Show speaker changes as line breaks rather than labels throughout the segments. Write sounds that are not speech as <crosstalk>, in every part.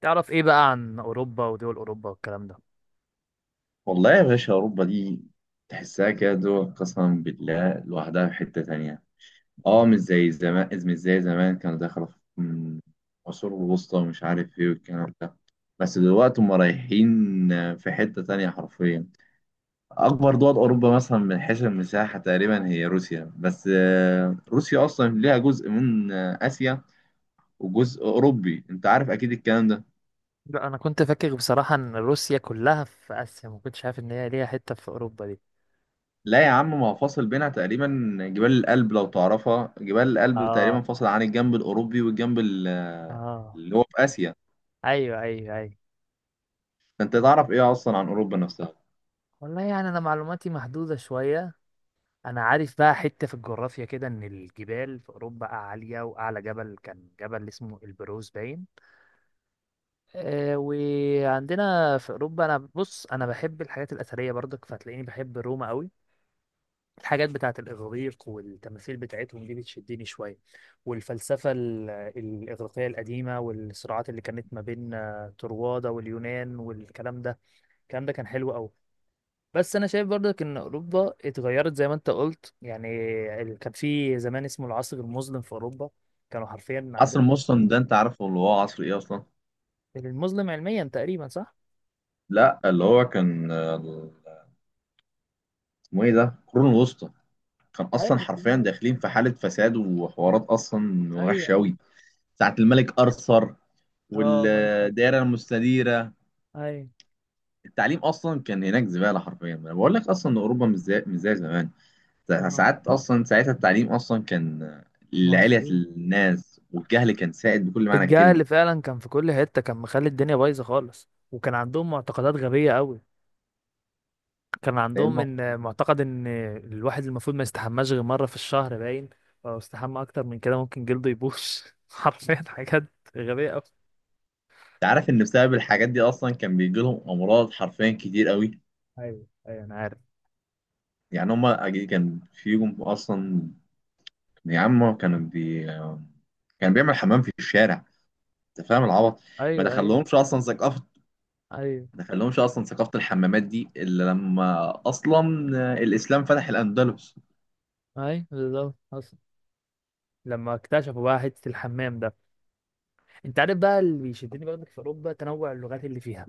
تعرف ايه بقى عن اوروبا ودول اوروبا والكلام ده؟
والله يا باشا، أوروبا دي تحسها كده قسما بالله لوحدها في حتة تانية. اه، مش زي زمان، مش زي زمان كانوا داخلة في عصور الوسطى ومش عارف ايه والكلام ده. بس دلوقتي هم رايحين في حتة تانية حرفيا. أكبر دول أوروبا مثلا من حيث المساحة تقريبا هي روسيا، بس روسيا أصلا ليها جزء من آسيا وجزء أوروبي. أنت عارف أكيد الكلام ده.
لا، انا كنت فاكر بصراحه ان روسيا كلها في اسيا، ما كنتش عارف ان هي ليها حته في اوروبا دي.
لا يا عم، ما هو فاصل بينها تقريبا جبال الألب. لو تعرفها، جبال الألب
اه،
تقريبا فاصل عن الجنب الأوروبي والجنب
اه.
اللي هو في آسيا.
ايوه، ايوه، ايوه.
فأنت تعرف إيه أصلا عن أوروبا نفسها؟
والله يعني انا معلوماتي محدوده شويه. انا عارف بقى حته في الجغرافيا كده ان الجبال في اوروبا عاليه، واعلى جبل كان جبل اسمه البروز باين. وعندنا في اوروبا، انا بص انا بحب الحاجات الاثريه برضك، فهتلاقيني بحب روما قوي. الحاجات بتاعة الإغريق والتماثيل بتاعتهم دي بتشدني شوية، والفلسفة الإغريقية القديمة والصراعات اللي كانت ما بين طروادة واليونان والكلام ده. الكلام ده كان حلو أوي، بس أنا شايف برضك إن أوروبا اتغيرت زي ما أنت قلت يعني. كان في زمان اسمه العصر المظلم في أوروبا، كانوا حرفيا
عصر
عندهم.
مسلم ده أنت عارفه اللي هو عصر إيه أصلا؟
المظلم علميا تقريبا، صح؟
لا، اللي هو كان اسمه إيه ده، القرون الوسطى. كان
ايوه،
أصلا حرفيا داخلين في حالة فساد وحوارات أصلا
ايوه، ايوه،
وحشة
أيوة.
أوي. ساعة الملك أرثر
اه، الملك اكثر.
والدائرة المستديرة،
أي.
التعليم أصلا كان هناك زبالة حرفيا. أنا بقول لك أصلا إن أوروبا مش زي زمان.
اه.
ساعات اصلا ساعتها التعليم اصلا كان لعلية
مظلوم.
الناس، والجهل كان سائد بكل معنى
الجهل اللي
الكلمه.
فعلا كان في كل حتة كان مخلي الدنيا بايظة خالص، وكان عندهم معتقدات غبية قوي. كان
لان
عندهم
انت
ان معتقد ان الواحد المفروض ما يستحماش غير مرة في الشهر باين. لو استحمى اكتر من كده ممكن جلده يبوظ. <laughs> حرفيا حاجات غبية قوي.
عارف ان بسبب الحاجات دي اصلا كان بيجي لهم امراض حرفيا كتير قوي.
ايوه، ايوه، انا عارف.
يعني هما كان فيهم اصلا، يا عم كان بيعمل حمام في الشارع. انت فاهم العبط؟ ما
ايوه، ايوه.
دخلهمش اصلا ثقافه.
ايوه،
ما دخلهمش اصلا ثقافه الحمامات دي الا لما اصلا الاسلام فتح الاندلس.
ايوه، بالظبط حصل. لما اكتشفوا بقى حتة الحمام ده، انت عارف بقى اللي بيشدني برضك في اوروبا تنوع اللغات اللي فيها.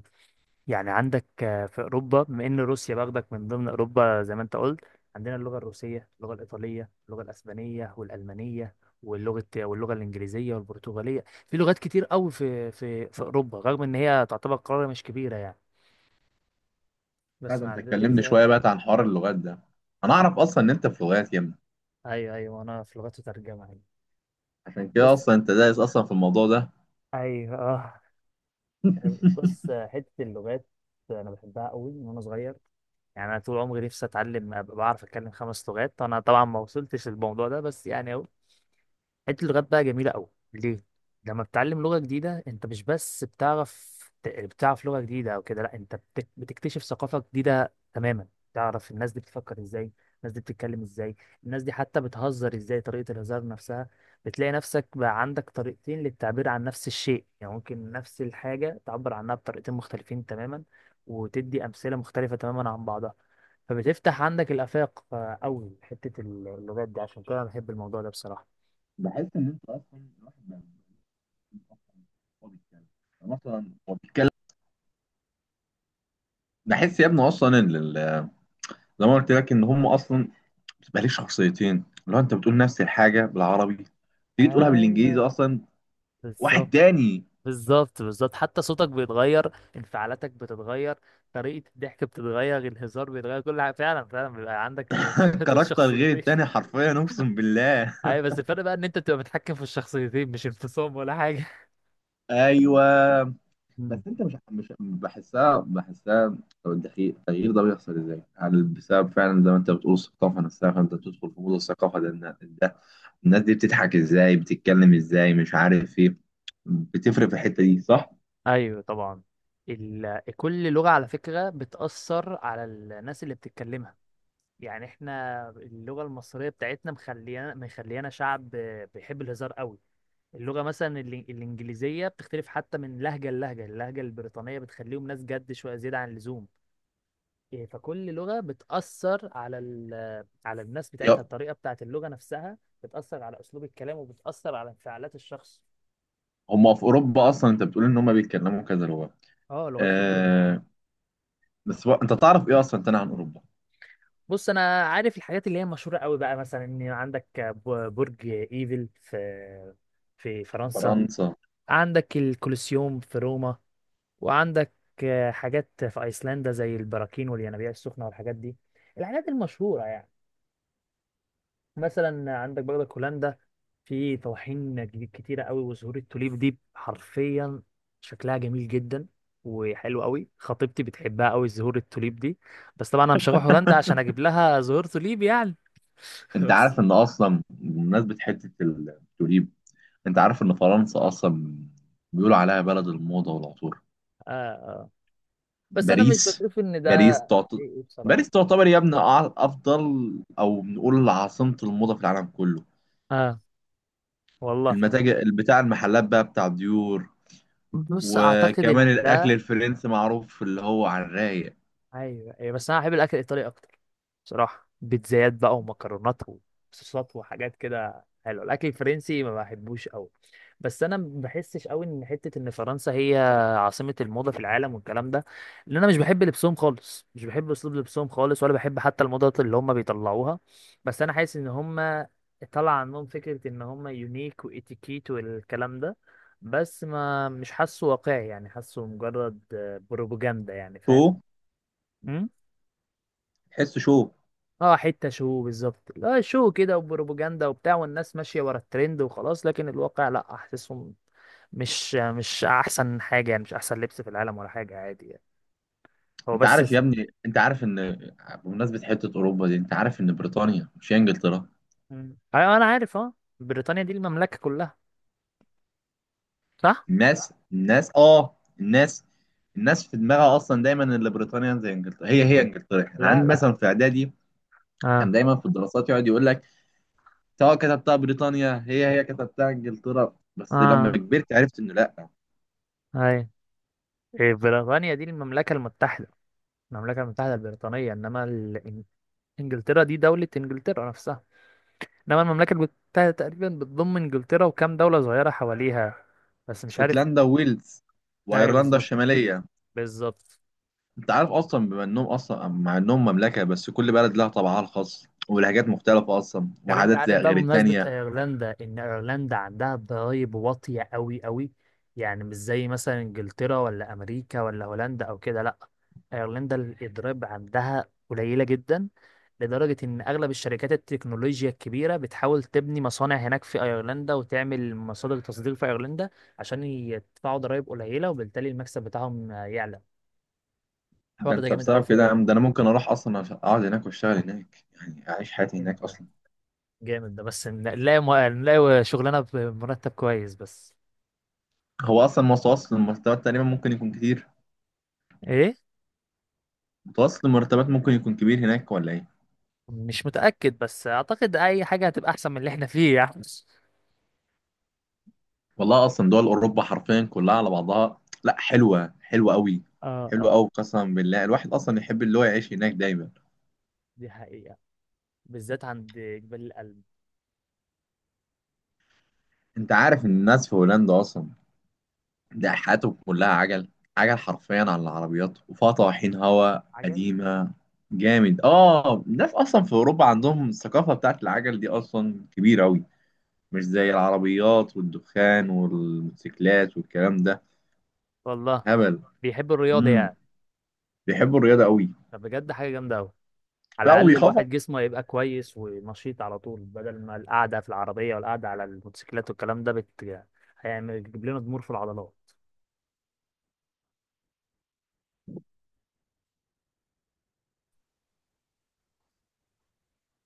يعني عندك، في اوروبا، بما ان روسيا باخدك من ضمن اوروبا زي ما انت قلت، عندنا اللغه الروسيه، اللغه الايطاليه، اللغه الاسبانيه والالمانيه، واللغه الانجليزيه والبرتغاليه. في لغات كتير قوي في اوروبا، رغم ان هي تعتبر قاره مش كبيره يعني،
لا
بس
ده
مع
انت
ذلك
اتكلمني
فيها.
شويه بقى عن حوار اللغات ده. انا اعرف اصلا ان انت في لغات يا ابني.
ايوه، ايوه، انا في لغات وترجمه يعني.
عشان
بص.
كده اصلا انت دايس اصلا في الموضوع ده.
ايوه. آه. بص، حته اللغات انا بحبها قوي من وانا صغير. يعني انا طول عمري نفسي اتعلم، ابقى بعرف اتكلم 5 لغات. انا طبعا ما وصلتش للموضوع ده بس يعني. حته اللغات بقى جميله قوي ليه؟ لما بتتعلم لغه جديده، انت مش بس بتعرف، بتعرف لغه جديده او كده، لا، انت بتكتشف ثقافه جديده تماما. تعرف الناس دي بتفكر ازاي، الناس دي بتتكلم ازاي، الناس دي حتى بتهزر ازاي، طريقه الهزار نفسها. بتلاقي نفسك بقى عندك طريقتين للتعبير عن نفس الشيء، يعني ممكن نفس الحاجه تعبر عنها بطريقتين مختلفين تماما، وتدي امثله مختلفه تماما عن بعضها. فبتفتح عندك الآفاق أوي حتة اللغات دي، عشان كده أنا بحب الموضوع ده بصراحة.
بحس ان انت اصلا الواحد بقى بيكون أصلاً هو بيتكلم، أنا اصلا هو بيتكلم. بحس يا ابني اصلا ان زي ما قلت لك ان هم اصلا بتبقى ليه شخصيتين. لو انت بتقول نفس الحاجه بالعربي تيجي تقولها بالانجليزي
ايوه،
اصلا واحد
بالظبط.
تاني.
بالظبط، بالظبط، حتى صوتك بيتغير، انفعالاتك بتتغير، طريقة الضحك بتتغير، الهزار بيتغير، كل حاجة. فعلا فعلا بيبقى عندك
<laughs>
<laughs>
كاركتر غير
شخصيتين.
التاني حرفيا، اقسم بالله.
ايوه، بس الفرق بقى ان انت بتبقى متحكم في الشخصيتين، مش انفصام ولا حاجة.
<laughs> ايوه.
مم.
بس انت مش بحسها، بحسها. طب التغيير ده بيحصل ازاي؟ هل بسبب فعلا زي ما انت بتقول الثقافه نفسها، فانت تدخل في مود الثقافه ده، ده الناس دي بتضحك ازاي، بتتكلم ازاي، مش عارف ايه. بتفرق في الحته دي صح؟
ايوه، طبعا. كل لغة على فكرة بتأثر على الناس اللي بتتكلمها. يعني احنا اللغة المصرية بتاعتنا مخليانا مخليانا شعب بيحب الهزار قوي. اللغة مثلا الإنجليزية بتختلف حتى من لهجة للهجة، اللهجة البريطانية بتخليهم ناس جد شوية زيادة عن اللزوم. إيه، فكل لغة بتأثر على على الناس بتاعتها،
يا،
الطريقة بتاعت اللغة نفسها بتأثر على أسلوب الكلام، وبتأثر على انفعالات الشخص.
هم في اوروبا اصلا انت بتقول ان هم بيتكلموا كذا لغه.
اه، لغات كتيرة كده.
آه. بس انت تعرف ايه اصلا تاني عن اوروبا؟
بص، أنا عارف الحاجات اللي هي مشهورة قوي بقى، مثلا إن عندك برج إيفل في فرنسا،
فرنسا.
عندك الكولوسيوم في روما، وعندك، حاجات في ايسلندا زي البراكين والينابيع السخنه والحاجات دي، الحاجات المشهوره يعني. مثلا عندك برضك هولندا، في طواحين جديد كتيره قوي، وزهور التوليب دي حرفيا شكلها جميل جدا وحلو قوي. خطيبتي بتحبها قوي زهور التوليب دي، بس طبعا انا مش هروح هولندا عشان اجيب لها زهور توليب يعني. <laughs>
انت
بس.
عارف ان اصلا بمناسبه حته التوليب، انت عارف ان فرنسا اصلا بيقولوا عليها بلد الموضه والعطور.
آه، آه. بس انا مش
باريس،
بشوف ان ده.
باريس تعت...
ايه، إيه، بصراحه.
باريس تعتبر يا ابني افضل، او نقول عاصمة الموضة في العالم كله.
اه. والله.
المتاجر بتاع المحلات بقى بتاع ديور.
بص، اعتقد ان
وكمان الاكل
ده.
الفرنسي معروف اللي هو على الرايق.
ايوه، ايوه، بس انا بحب الاكل الايطالي اكتر بصراحه. بيتزايات بقى ومكرونات وصوصات وحاجات كده حلوه، الاكل الفرنسي ما بحبوش قوي. بس انا ما بحسش قوي ان حته ان فرنسا هي عاصمه الموضه في العالم والكلام ده، لان انا مش بحب لبسهم خالص، مش بحب اسلوب لبسهم خالص، ولا بحب حتى الموضه اللي هم بيطلعوها. بس انا حاسس ان هم طلع عنهم فكره ان هم يونيك واتيكيت والكلام ده، بس ما مش حاسه واقعي يعني، حاسه مجرد بروباجندا يعني،
شو،
فاهم؟
تحس شو.
اه، حتة شو بالظبط، لا، شو كده وبروباجندا وبتاع، والناس ماشية ورا الترند وخلاص، لكن الواقع لا، احسسهم مش احسن حاجة يعني، مش احسن لبس في العالم ولا حاجة، عادي يعني. هو
انت
بس
عارف يا
س-
ابني، انت عارف ان بمناسبة حتة اوروبا دي، انت عارف ان بريطانيا مش هي انجلترا.
مم. ايوه، انا عارف اه. بريطانيا دي المملكة كلها، صح؟
الناس اه، الناس، الناس في دماغها اصلا دايما ان بريطانيا زي انجلترا، هي انجلترا. احنا
لا،
عندي
لا.
مثلا في اعدادي كان
اه،
دايما في الدراسات يقعد يقول لك سواء كتبتها بريطانيا هي كتبتها انجلترا. بس لما
اه.
كبرت عرفت انه لا.
اي. إيه، بريطانيا دي المملكة المتحدة، المملكة المتحدة البريطانية، انما انجلترا دي دولة انجلترا نفسها، انما المملكة المتحدة تقريبا بتضم انجلترا وكام دولة صغيرة حواليها، بس مش عارف.
اسكتلندا وويلز
ايوه،
وايرلندا
بالظبط.
الشماليه.
بالظبط.
انت عارف اصلا بما انهم اصلا مع انهم مملكه، بس كل بلد لها طبعها الخاص ولهجات مختلفه اصلا
طب انت
وعادات
عارف
زي
بقى
غير
بمناسبة
التانيه.
ايرلندا ان ايرلندا عندها ضرايب واطية قوي قوي، يعني مش زي مثلا انجلترا ولا امريكا ولا هولندا او كده، لا، ايرلندا الضرايب عندها قليلة جدا. لدرجة ان اغلب الشركات التكنولوجيا الكبيرة بتحاول تبني مصانع هناك في ايرلندا، وتعمل مصادر تصدير في ايرلندا، عشان يدفعوا ضرايب قليلة، وبالتالي المكسب بتاعهم يعلى.
ده
الحوار ده
انت
جامد قوي
بسبب
في
كده يا عم، ده انا ممكن اروح اصلا اقعد هناك واشتغل هناك، يعني اعيش حياتي هناك
ايرلندا،
اصلا.
جامد ده، بس نلاقي نلاقي شغلانه بمرتب كويس بس.
هو اصلا متوسط المرتبات تقريبا ممكن يكون كتير،
ايه؟
متوسط المرتبات ممكن يكون كبير هناك ولا ايه؟
مش متاكد، بس اعتقد اي حاجه هتبقى احسن من اللي احنا فيه يعني.
والله اصلا دول اوروبا حرفيا كلها على بعضها لا حلوه، حلوه قوي.
اه،
حلوه
اه،
قوي قسما بالله، الواحد اصلا يحب اللي هو يعيش هناك دايما.
دي حقيقه، بالذات عند جبال القلب.
انت عارف ان الناس في هولندا اصلا ده حياتهم كلها عجل. عجل حرفيا على العربيات، وفيها طواحين هوا
عجل.
قديمه جامد. اه، الناس اصلا في اوروبا عندهم الثقافه بتاعت العجل دي اصلا كبيره قوي. مش زي العربيات والدخان والموتوسيكلات والكلام ده
والله.
هبل.
بيحب الرياضه
امم
يعني،
بيحبوا الرياضه قوي.
فبجد حاجه جامده قوي. على
لا
الاقل
ويخافوا
الواحد جسمه يبقى كويس ونشيط على طول، بدل ما القعده في العربيه والقعده على الموتوسيكلات والكلام ده هيعمل يعني، بيجيب لنا ضمور في العضلات.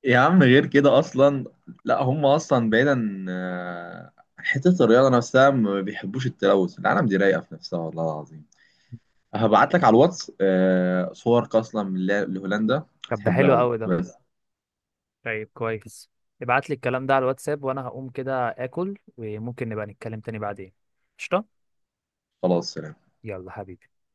يا عم، غير كده اصلا. لا هم اصلا بعيدا حته الرياضه نفسها ما بيحبوش التلوث، العالم دي رايقه في نفسها والله العظيم. هبعت لك على الواتس صورك اصلا من لهولندا.
طب ده
هتحبها
حلو
قوي.
قوي ده.
بس
طيب كويس، ابعت لي الكلام ده على الواتساب، وانا هقوم كده اكل، وممكن نبقى نتكلم تاني بعدين. قشطة.
خلاص.
يلا حبيبي.